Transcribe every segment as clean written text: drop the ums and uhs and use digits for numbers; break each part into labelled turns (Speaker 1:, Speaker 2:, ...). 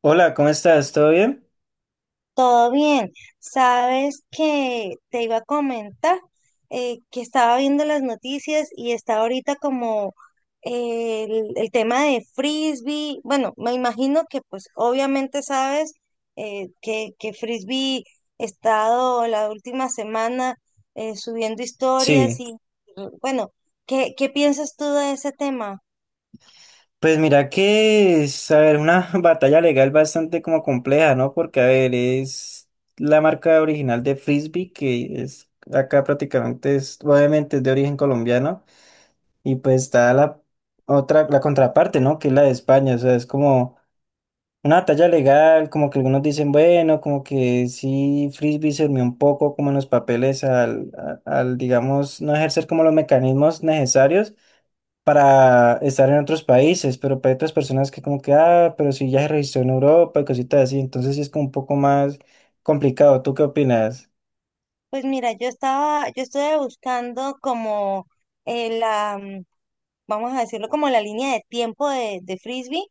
Speaker 1: Hola, ¿cómo estás? ¿Todo bien?
Speaker 2: Todo bien. Sabes que te iba a comentar que estaba viendo las noticias y está ahorita como el tema de frisbee. Bueno, me imagino que pues obviamente sabes que frisbee ha estado la última semana subiendo historias
Speaker 1: Sí,
Speaker 2: y bueno, ¿qué piensas tú de ese tema?
Speaker 1: pues mira que es, a ver, una batalla legal bastante como compleja, ¿no? Porque, a ver, es la marca original de Frisbee, que es acá prácticamente, es, obviamente es de origen colombiano, y pues está la otra, la contraparte, ¿no? Que es la de España, o sea, es como una batalla legal, como que algunos dicen, bueno, como que sí, Frisbee se durmió un poco como en los papeles al, al digamos, no ejercer como los mecanismos necesarios para estar en otros países, pero para otras personas que como que, ah, pero si ya se registró en Europa y cositas así, entonces sí es como un poco más complicado. ¿Tú qué opinas?
Speaker 2: Pues mira, yo estuve buscando como la vamos a decirlo como la línea de tiempo de Frisbee,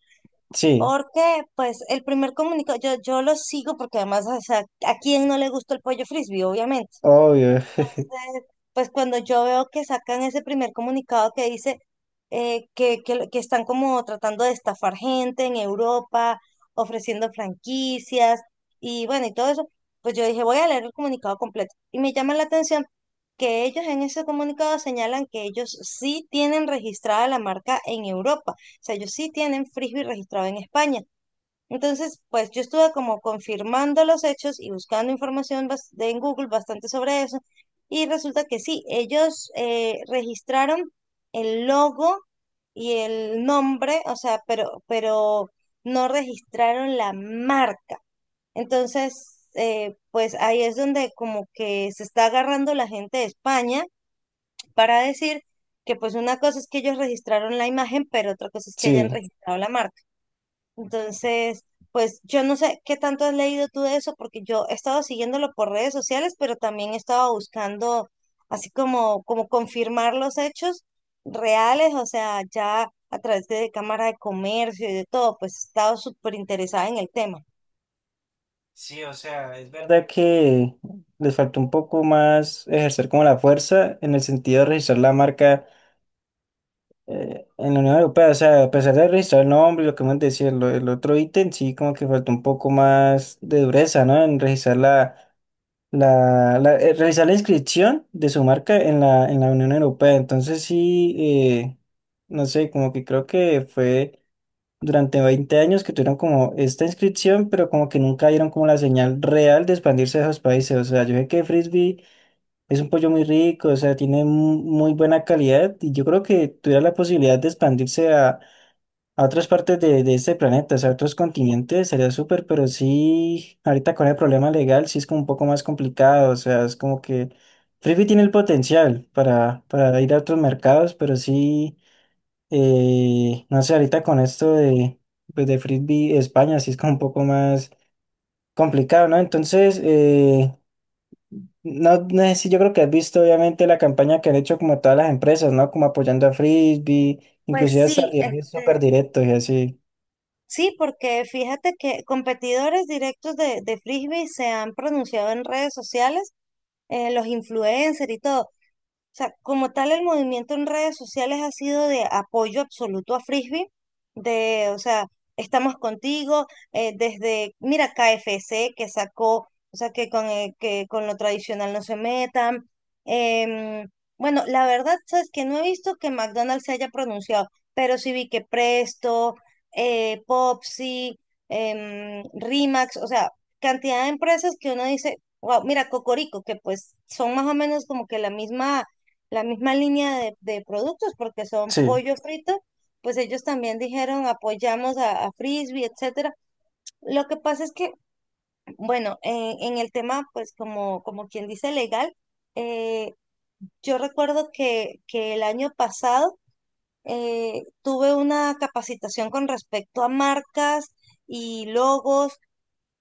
Speaker 1: Sí,
Speaker 2: porque pues el primer comunicado, yo lo sigo porque además, o sea, ¿a quién no le gusta el pollo Frisbee? Obviamente.
Speaker 1: obvio.
Speaker 2: Entonces, pues cuando yo veo que sacan ese primer comunicado que dice que están como tratando de estafar gente en Europa, ofreciendo franquicias y bueno, y todo eso, pues yo dije, voy a leer el comunicado completo. Y me llama la atención que ellos en ese comunicado señalan que ellos sí tienen registrada la marca en Europa, o sea, ellos sí tienen Frisbee registrado en España. Entonces, pues yo estuve como confirmando los hechos y buscando información en Google bastante sobre eso. Y resulta que sí, ellos registraron el logo y el nombre, o sea, pero no registraron la marca. Entonces, pues ahí es donde como que se está agarrando la gente de España para decir que pues una cosa es que ellos registraron la imagen, pero otra cosa es que hayan
Speaker 1: Sí.
Speaker 2: registrado la marca. Entonces, pues yo no sé qué tanto has leído tú de eso, porque yo he estado siguiéndolo por redes sociales, pero también he estado buscando así como confirmar los hechos reales, o sea, ya a través de Cámara de Comercio y de todo, pues he estado súper interesada en el tema.
Speaker 1: Sí, o sea, es verdad que les faltó un poco más ejercer como la fuerza en el sentido de registrar la marca en la Unión Europea. O sea, a pesar de registrar el nombre, y lo que hemos decía, el otro ítem, sí como que faltó un poco más de dureza, ¿no? En registrar la realizar la inscripción de su marca en la Unión Europea. Entonces sí, no sé, como que creo que fue durante 20 años que tuvieron como esta inscripción, pero como que nunca dieron como la señal real de expandirse a esos países. O sea, yo sé que Frisbee es un pollo muy rico, o sea, tiene muy buena calidad y yo creo que tuviera la posibilidad de expandirse a otras partes de este planeta, o sea, a otros continentes, sería súper, pero sí, ahorita con el problema legal sí es como un poco más complicado, o sea, es como que Frisbee tiene el potencial para ir a otros mercados, pero sí, no sé, ahorita con esto de, pues de Frisbee España sí es como un poco más complicado, ¿no? Entonces, no sé, si yo creo que has visto obviamente la campaña que han hecho como todas las empresas, ¿no? Como apoyando a Frisbee,
Speaker 2: Pues
Speaker 1: inclusive hasta
Speaker 2: sí,
Speaker 1: rivales súper
Speaker 2: este,
Speaker 1: directos y así.
Speaker 2: sí, porque fíjate que competidores directos de Frisbee se han pronunciado en redes sociales, los influencers y todo. Sea, como tal, el movimiento en redes sociales ha sido de apoyo absoluto a Frisbee, o sea, estamos contigo, desde, mira, KFC que sacó, o sea, que que con lo tradicional no se metan. Em, bueno, la verdad, sabes que no he visto que McDonald's se haya pronunciado, pero sí vi que Presto, Popsi, Rimax, o sea, cantidad de empresas que uno dice, wow, mira, Cocorico, que pues son más o menos como que la misma línea de productos, porque son
Speaker 1: Sí.
Speaker 2: pollo frito, pues ellos también dijeron apoyamos a Frisbee, etcétera. Lo que pasa es que, bueno, en el tema, pues como quien dice legal, eh, yo recuerdo que el año pasado tuve una capacitación con respecto a marcas y logos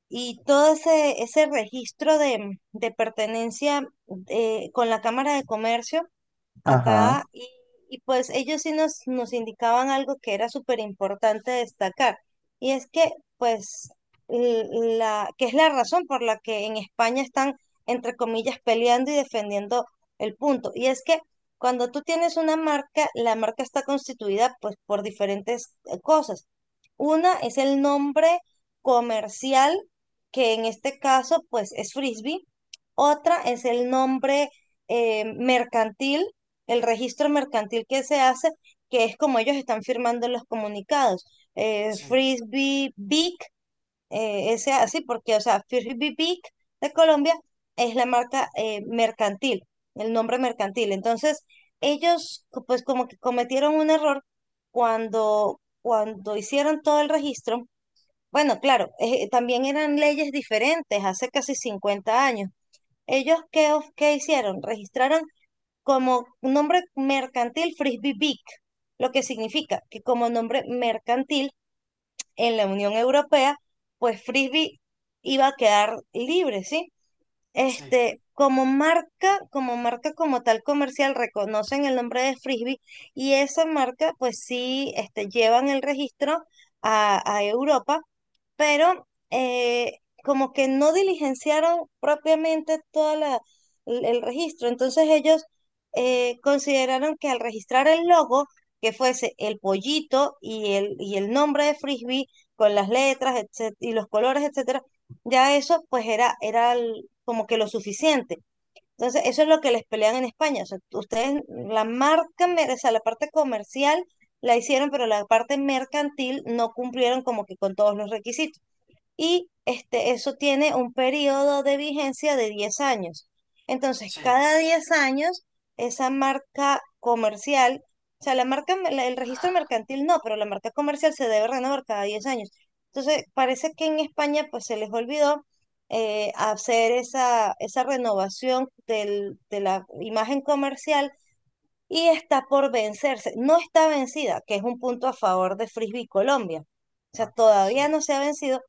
Speaker 2: y todo ese registro de pertenencia con la Cámara de Comercio
Speaker 1: Ajá.
Speaker 2: acá y pues ellos sí nos indicaban algo que era súper importante destacar, y es que pues l- que es la razón por la que en España están entre comillas peleando y defendiendo el punto, y es que cuando tú tienes una marca, la marca está constituida pues por diferentes cosas. Una es el nombre comercial, que en este caso pues es Frisbee. Otra es el nombre mercantil, el registro mercantil que se hace, que es como ellos están firmando los comunicados.
Speaker 1: Sí,
Speaker 2: Frisbee Big, ese así, porque, o sea, Frisbee Big de Colombia es la marca mercantil, el nombre mercantil. Entonces, ellos, pues, como que cometieron un error cuando hicieron todo el registro. Bueno, claro, también eran leyes diferentes hace casi 50 años. ¿Ellos qué, qué hicieron? Registraron como un nombre mercantil Frisbee Big, lo que significa que como nombre mercantil en la Unión Europea, pues Frisbee iba a quedar libre, ¿sí?
Speaker 1: sí,
Speaker 2: Este, como marca, como tal comercial, reconocen el nombre de Frisbee, y esa marca, pues sí, este, llevan el registro a Europa, pero como que no diligenciaron propiamente toda el registro. Entonces ellos consideraron que al registrar el logo, que fuese el pollito y y el nombre de Frisbee con las letras, etcétera, y los colores, etcétera, ya eso pues era como que lo suficiente. Entonces, eso es lo que les pelean en España. O sea, ustedes, la marca, o sea, la parte comercial la hicieron, pero la parte mercantil no cumplieron como que con todos los requisitos, y este, eso tiene un periodo de vigencia de 10 años. Entonces,
Speaker 1: sí,
Speaker 2: cada 10 años, esa marca comercial, o sea, la marca, el registro mercantil no, pero la marca comercial se debe renovar cada 10 años. Entonces, parece que en España pues se les olvidó hacer esa renovación de la imagen comercial, y está por vencerse. No está vencida, que es un punto a favor de Frisbee Colombia. O sea,
Speaker 1: ajá,
Speaker 2: todavía
Speaker 1: sí,
Speaker 2: no se ha vencido,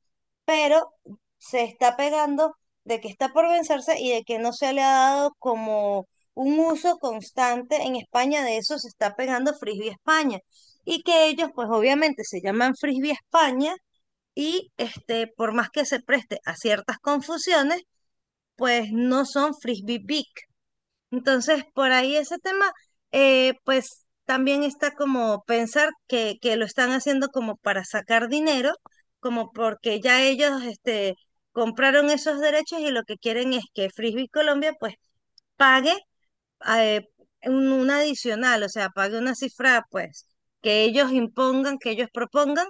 Speaker 2: pero se está pegando de que está por vencerse y de que no se le ha dado como un uso constante en España, de eso se está pegando Frisbee España. Y que ellos, pues obviamente se llaman Frisbee España, y este, por más que se preste a ciertas confusiones, pues no son Frisbee Big, entonces, por ahí ese tema, pues también está como pensar que lo están haciendo como para sacar dinero, como porque ya ellos este, compraron esos derechos, y lo que quieren es que Frisbee Colombia pues pague eh, un adicional, o sea, pague una cifra pues que ellos impongan, que ellos propongan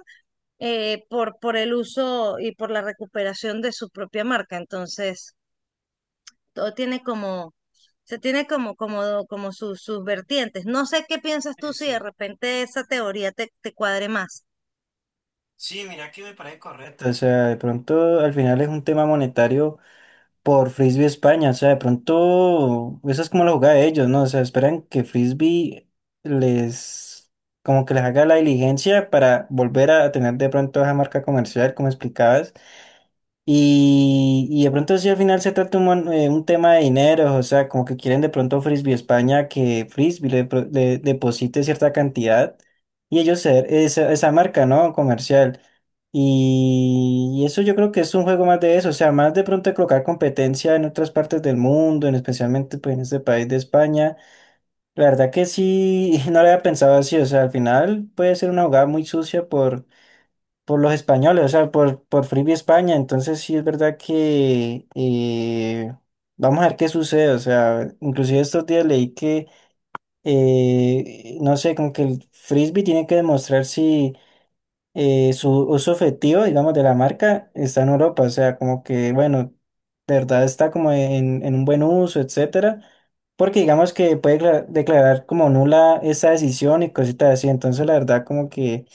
Speaker 2: por el uso y por la recuperación de su propia marca. Entonces, todo tiene como sea, tiene como sus vertientes. No sé qué piensas tú,
Speaker 1: sí,
Speaker 2: si de
Speaker 1: sí.
Speaker 2: repente esa teoría te cuadre más.
Speaker 1: Sí, mira que me parece correcto. O sea, de pronto al final es un tema monetario por Frisbee España. O sea, de pronto esa es como la jugada de ellos, ¿no? O sea, esperan que Frisbee les, como que les haga la diligencia para volver a tener de pronto esa marca comercial, como explicabas. Y de pronto si al final se trata un, un tema de dinero, o sea, como que quieren de pronto Frisbee España que Frisbee le, le deposite cierta cantidad y ellos ser esa, esa marca, ¿no? Comercial. Y eso yo creo que es un juego más de eso, o sea, más de pronto de colocar competencia en otras partes del mundo, en especialmente pues en este país de España. La verdad que sí, no lo había pensado así, o sea, al final puede ser una jugada muy sucia por los españoles, o sea, por Free España. Entonces sí es verdad que vamos a ver qué sucede. O sea, inclusive estos días leí que, no sé, como que el frisbee tiene que demostrar si su uso efectivo, digamos, de la marca está en Europa. O sea, como que, bueno, de verdad está como en un buen uso, etcétera. Porque digamos que puede declarar como nula esa decisión y cositas así. Entonces, la verdad, como que...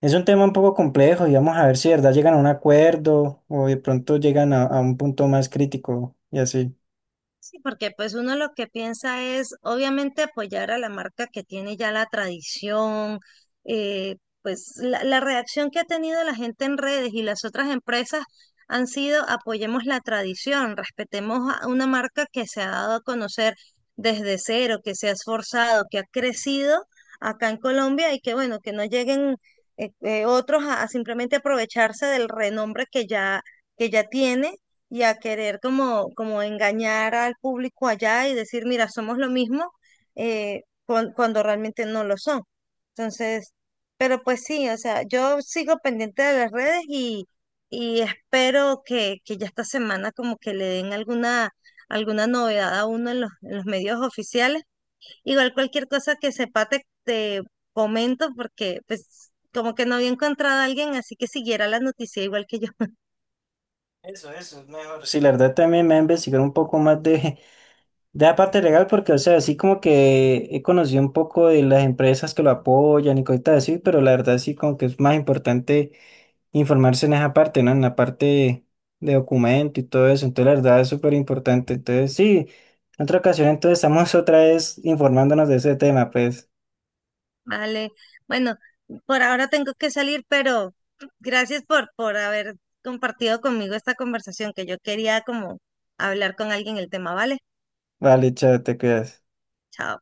Speaker 1: Es un tema un poco complejo y vamos a ver si de verdad llegan a un acuerdo o de pronto llegan a un punto más crítico y así.
Speaker 2: Sí, porque pues uno lo que piensa es obviamente apoyar a la marca que tiene ya la tradición, eh, pues la reacción que ha tenido la gente en redes y las otras empresas han sido apoyemos la tradición, respetemos a una marca que se ha dado a conocer desde cero, que se ha esforzado, que ha crecido acá en Colombia, y que bueno, que no lleguen otros a simplemente aprovecharse del renombre que ya tiene, y a querer como engañar al público allá y decir, mira, somos lo mismo, cuando realmente no lo son. Entonces, pero pues sí, o sea, yo sigo pendiente de las redes y espero que ya esta semana como que le den alguna novedad a uno en los medios oficiales. Igual cualquier cosa que sepa te comento, porque pues como que no había encontrado a alguien así que siguiera la noticia igual que yo.
Speaker 1: Eso, es mejor. Sí, la verdad también me ha investigado un poco más de, de la parte legal porque, o sea, así como que he conocido un poco de las empresas que lo apoyan y cositas así, pero la verdad sí como que es más importante informarse en esa parte, ¿no? En la parte de documento y todo eso. Entonces, la verdad es súper importante. Entonces, sí, en otra ocasión entonces estamos otra vez informándonos de ese tema, pues.
Speaker 2: Vale, bueno, por ahora tengo que salir, pero gracias por haber compartido conmigo esta conversación, que yo quería como hablar con alguien el tema, ¿vale?
Speaker 1: Vale, chao, te cuidas.
Speaker 2: Chao.